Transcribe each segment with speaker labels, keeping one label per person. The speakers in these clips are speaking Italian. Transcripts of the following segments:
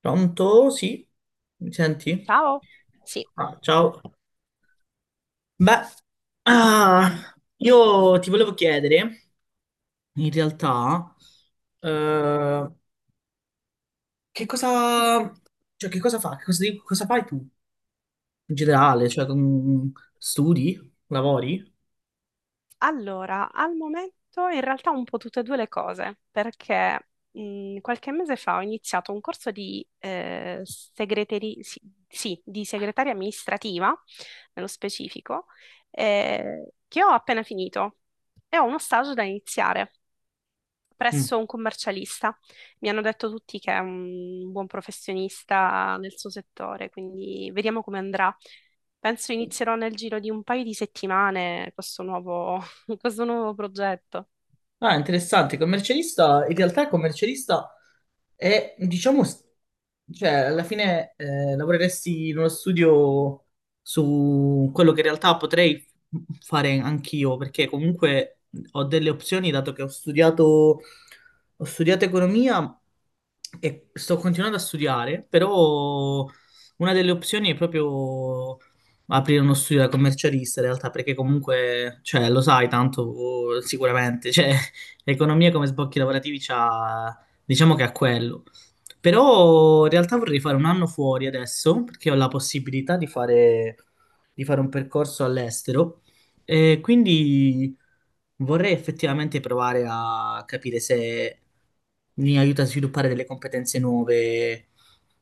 Speaker 1: Pronto? Sì, mi senti?
Speaker 2: Ciao. Sì.
Speaker 1: Ciao. Beh, io ti volevo chiedere, in realtà, eh, che cosa, cioè, che cosa fa, che cosa, cosa fai tu in generale? Cioè, studi? Lavori?
Speaker 2: Allora, al momento in realtà un po' tutte e due le cose, perché qualche mese fa ho iniziato un corso di, sì, sì, di segretaria amministrativa, nello specifico, che ho appena finito e ho uno stage da iniziare
Speaker 1: Mm.
Speaker 2: presso un commercialista. Mi hanno detto tutti che è un buon professionista nel suo settore, quindi vediamo come andrà. Penso inizierò nel giro di un paio di settimane questo nuovo progetto.
Speaker 1: Ah, interessante. Commercialista, in realtà il commercialista è, diciamo, cioè alla fine lavoreresti in uno studio su quello che in realtà potrei fare anch'io, perché comunque ho delle opzioni, dato che ho studiato economia e sto continuando a studiare, però una delle opzioni è proprio aprire uno studio da commercialista in realtà, perché comunque, cioè, lo sai tanto sicuramente, cioè, l'economia come sbocchi lavorativi c'ha, diciamo che ha quello. Però in realtà vorrei fare un anno fuori adesso, perché ho la possibilità di fare un percorso all'estero. E quindi vorrei effettivamente provare a capire se mi aiuta a sviluppare delle competenze nuove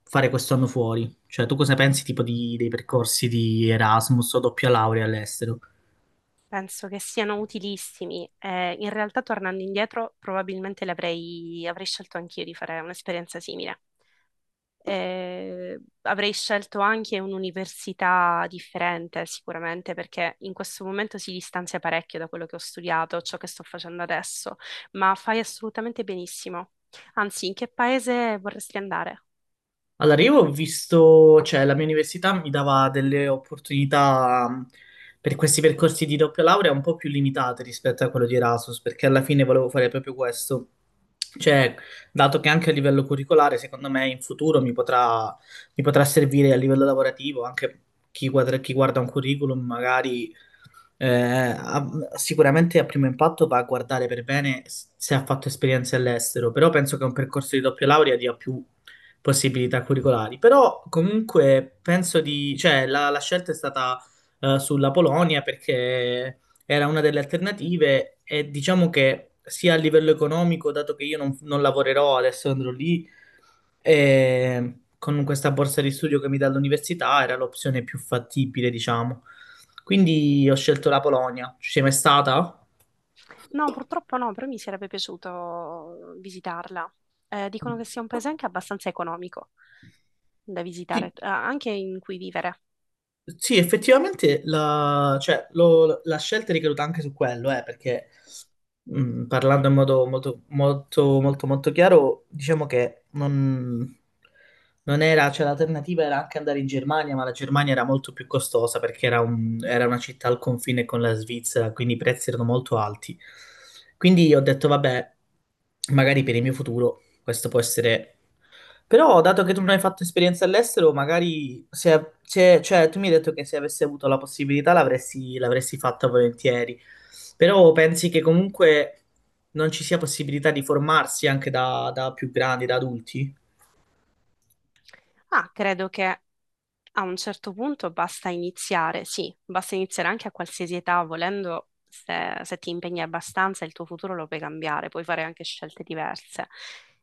Speaker 1: fare questo anno fuori. Cioè, tu cosa pensi tipo dei percorsi di Erasmus o doppia laurea all'estero?
Speaker 2: Penso che siano utilissimi. In realtà, tornando indietro, probabilmente avrei scelto anch'io di fare un'esperienza simile. Avrei scelto anche un'università differente, sicuramente, perché in questo momento si distanzia parecchio da quello che ho studiato, ciò che sto facendo adesso, ma fai assolutamente benissimo. Anzi, in che paese vorresti andare?
Speaker 1: Allora, io ho visto, cioè la mia università mi dava delle opportunità per questi percorsi di doppia laurea un po' più limitate rispetto a quello di Erasmus, perché alla fine volevo fare proprio questo. Cioè, dato che anche a livello curricolare, secondo me in futuro mi potrà servire a livello lavorativo, anche chi guarda un curriculum magari eh, a- sicuramente a primo impatto va a guardare per bene se ha fatto esperienze all'estero, però penso che un percorso di doppia laurea dia più possibilità curricolari. Però comunque penso di, cioè la scelta è stata sulla Polonia perché era una delle alternative e diciamo che sia a livello economico, dato che io non lavorerò adesso andrò lì, e con questa borsa di studio che mi dà l'università era l'opzione più fattibile, diciamo. Quindi ho scelto la Polonia. Ci sei mai stata?
Speaker 2: No, purtroppo no, però mi sarebbe piaciuto visitarla. Dicono che sia un paese anche abbastanza economico da
Speaker 1: Sì,
Speaker 2: visitare, anche in cui vivere.
Speaker 1: sì, effettivamente la, cioè, la scelta è ricaduta anche su quello, perché mm, parlando in modo molto, molto, molto, molto chiaro, diciamo che non era, cioè l'alternativa era anche andare in Germania, ma la Germania era molto più costosa perché era, era una città al confine con la Svizzera, quindi i prezzi erano molto alti. Quindi ho detto, vabbè, magari per il mio futuro questo può essere però, dato che tu non hai fatto esperienza all'estero, magari se, cioè, tu mi hai detto che se avessi avuto la possibilità l'avresti l'avresti fatta volentieri. Però pensi che comunque non ci sia possibilità di formarsi anche da, da più grandi, da adulti?
Speaker 2: Ah, credo che A un certo punto basta iniziare, sì, basta iniziare anche a qualsiasi età, volendo, se ti impegni abbastanza, il tuo futuro lo puoi cambiare, puoi fare anche scelte diverse.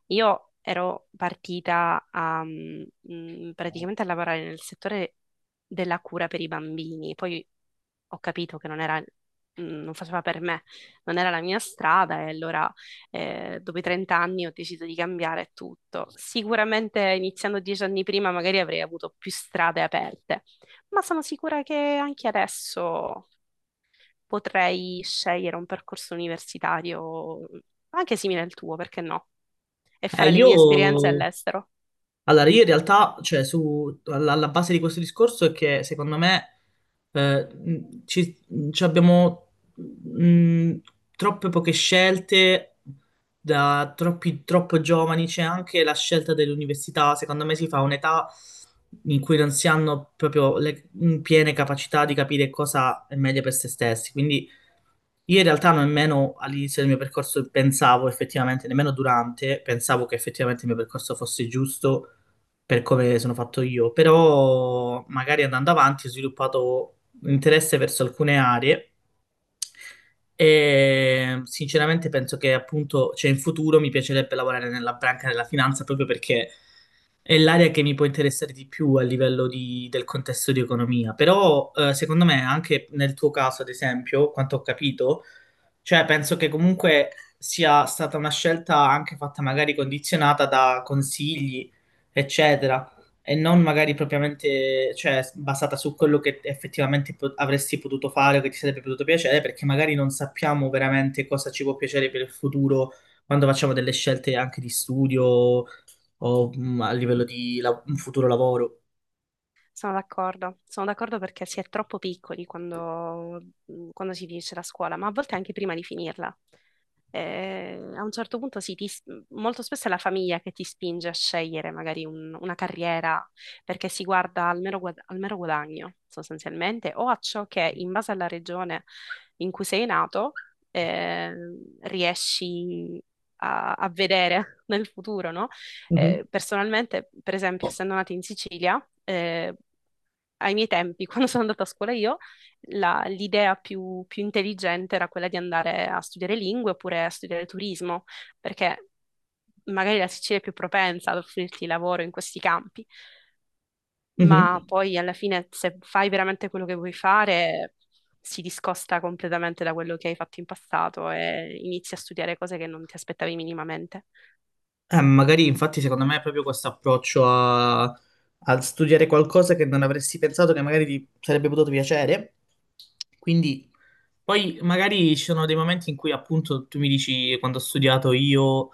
Speaker 2: Io ero partita praticamente a lavorare nel settore della cura per i bambini, poi ho capito che non era, mm, non faceva per me, non era la mia strada e allora dopo i 30 anni ho deciso di cambiare tutto. Sicuramente iniziando 10 anni prima magari avrei avuto più strade aperte, ma sono sicura che anche adesso potrei scegliere un percorso universitario anche simile al tuo, perché no? E fare le
Speaker 1: Io
Speaker 2: mie esperienze all'estero.
Speaker 1: Allora, io in realtà, cioè, su, alla base di questo discorso è che secondo me eh, mh, ci, ci abbiamo mh, troppe poche scelte da troppo giovani. C'è anche la scelta dell'università. Secondo me si fa un'età in cui non si hanno proprio le piene capacità di capire cosa è meglio per se stessi. Quindi io in realtà nemmeno all'inizio del mio percorso pensavo effettivamente, nemmeno durante, pensavo che effettivamente il mio percorso fosse giusto per come sono fatto io, però magari andando avanti ho sviluppato un interesse verso alcune aree e sinceramente penso che appunto, cioè in futuro mi piacerebbe lavorare nella branca della finanza proprio perché è l'area che mi può interessare di più a livello del contesto di economia, però secondo me anche nel tuo caso, ad esempio, quanto ho capito, cioè penso che comunque sia stata una scelta anche fatta magari condizionata da consigli eccetera, e non magari propriamente, cioè, basata su quello che effettivamente avresti potuto fare o che ti sarebbe potuto piacere, perché magari non sappiamo veramente cosa ci può piacere per il futuro quando facciamo delle scelte anche di studio o mm, a livello di un futuro lavoro.
Speaker 2: Sono d'accordo perché si è troppo piccoli quando si finisce la scuola, ma a volte anche prima di finirla. Eh, a un certo punto sì, molto spesso è la famiglia che ti spinge a scegliere magari una carriera perché si guarda al mero guadagno sostanzialmente o a ciò che in base alla regione in cui sei nato eh, riesci a, a vedere nel futuro, no?
Speaker 1: Mhm.
Speaker 2: Personalmente, per esempio, essendo nata in Sicilia, ai miei tempi, quando sono andata a scuola io, l'idea più intelligente era quella di andare a studiare lingue oppure a studiare turismo, perché magari la Sicilia è più propensa ad offrirti lavoro in questi campi, ma
Speaker 1: Mhm.
Speaker 2: poi alla fine se fai veramente quello che vuoi fare, si discosta completamente da quello che hai fatto in passato e inizi a studiare cose che non ti aspettavi minimamente.
Speaker 1: Magari infatti secondo me è proprio questo approccio a, a studiare qualcosa che non avresti pensato che magari ti sarebbe potuto piacere, quindi poi magari ci sono dei momenti in cui appunto tu mi dici quando ho studiato io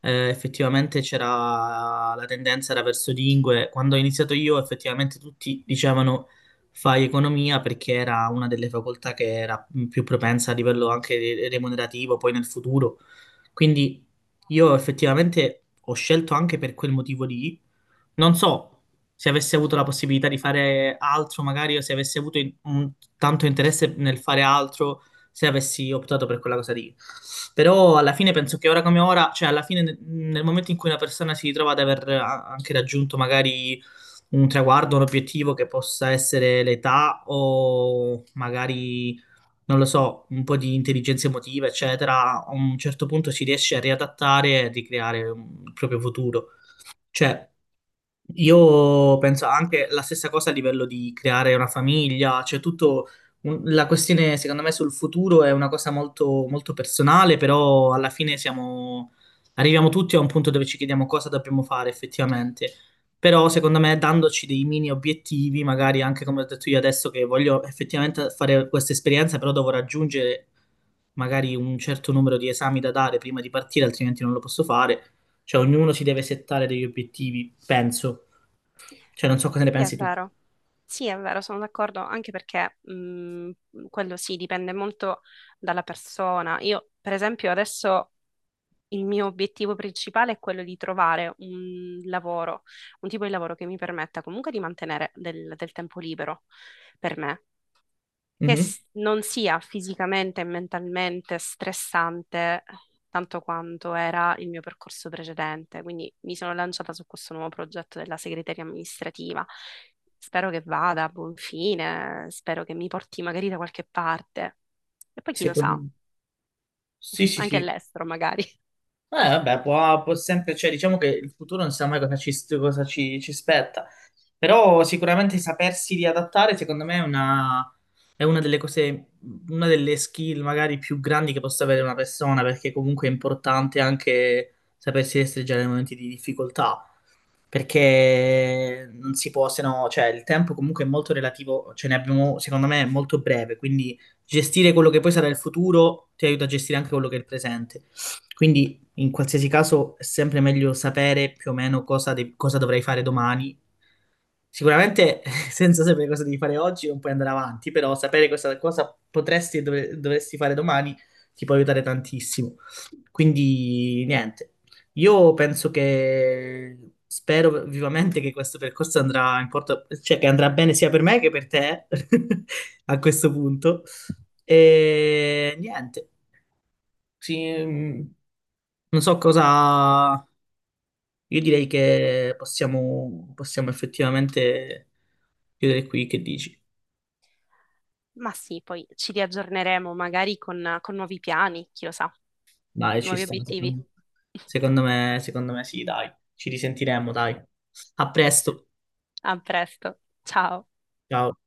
Speaker 1: effettivamente c'era la tendenza era verso lingue, quando ho iniziato io effettivamente tutti dicevano fai economia perché era una delle facoltà che era più propensa a livello anche remunerativo poi nel futuro. Quindi io effettivamente ho scelto anche per quel motivo lì. Non so se avessi avuto la possibilità di fare altro magari o se avessi avuto tanto interesse nel fare altro se avessi optato per quella cosa lì. Però alla fine penso che ora come ora, cioè alla fine nel nel momento in cui una persona si ritrova ad anche raggiunto magari un traguardo, un obiettivo che possa essere l'età o magari, non lo so, un po' di intelligenza emotiva, eccetera, a un certo punto si riesce a riadattare e a ricreare il proprio futuro. Cioè, io penso anche la stessa cosa a livello di creare una famiglia, cioè tutto la questione secondo me sul futuro è una cosa molto, molto personale, però alla fine siamo, arriviamo tutti a un punto dove ci chiediamo cosa dobbiamo fare effettivamente. Però secondo me dandoci dei mini obiettivi, magari anche come ho detto io adesso che voglio effettivamente fare questa esperienza, però devo raggiungere magari un certo numero di esami da dare prima di partire, altrimenti non lo posso fare. Cioè ognuno si deve settare degli obiettivi, penso. Cioè, non so cosa ne
Speaker 2: Sì, è
Speaker 1: pensi tu.
Speaker 2: vero. Sì, è vero, sono d'accordo, anche perché quello sì, dipende molto dalla persona. Io, per esempio, adesso il mio obiettivo principale è quello di trovare un lavoro, un tipo di lavoro che mi permetta comunque di mantenere del tempo libero per me
Speaker 1: Mhm.
Speaker 2: non sia fisicamente e mentalmente stressante tanto quanto era il mio percorso precedente. Quindi mi sono lanciata su questo nuovo progetto della segreteria amministrativa. Spero che vada a buon fine, spero che mi porti magari da qualche parte. E poi chi lo sa,
Speaker 1: Secondo... Sì, sì,
Speaker 2: anche
Speaker 1: sì.
Speaker 2: all'estero magari.
Speaker 1: Vabbè, può, può sempre, cioè, diciamo che il futuro non sa mai cosa ci, cosa ci ci aspetta. Però sicuramente sapersi riadattare, secondo me, è una delle cose, una delle skill magari più grandi che possa avere una persona, perché comunque è importante anche sapersi restringere nei momenti di difficoltà, perché non si può, se no, cioè il tempo comunque è molto relativo, ce ne abbiamo, secondo me, molto breve, quindi gestire quello che poi sarà il futuro ti aiuta a gestire anche quello che è il presente. Quindi, in qualsiasi caso, è sempre meglio sapere più o meno cosa, cosa dovrai fare domani. Sicuramente, senza sapere cosa devi fare oggi, non puoi andare avanti, però sapere cosa, cosa potresti e dovresti fare domani ti può aiutare tantissimo. Quindi, niente. Io penso che spero vivamente che questo percorso andrà in porto, cioè che andrà bene sia per me che per te a questo punto. E niente. Sì, mm, non so cosa io direi che possiamo, possiamo effettivamente chiudere qui, che dici?
Speaker 2: Ma sì, poi ci riaggiorneremo magari con nuovi piani, chi lo sa,
Speaker 1: Dai, ci
Speaker 2: nuovi
Speaker 1: sta.
Speaker 2: obiettivi.
Speaker 1: Secondo secondo me sì, dai. Ci risentiremo, dai. A presto.
Speaker 2: A presto, ciao.
Speaker 1: Ciao.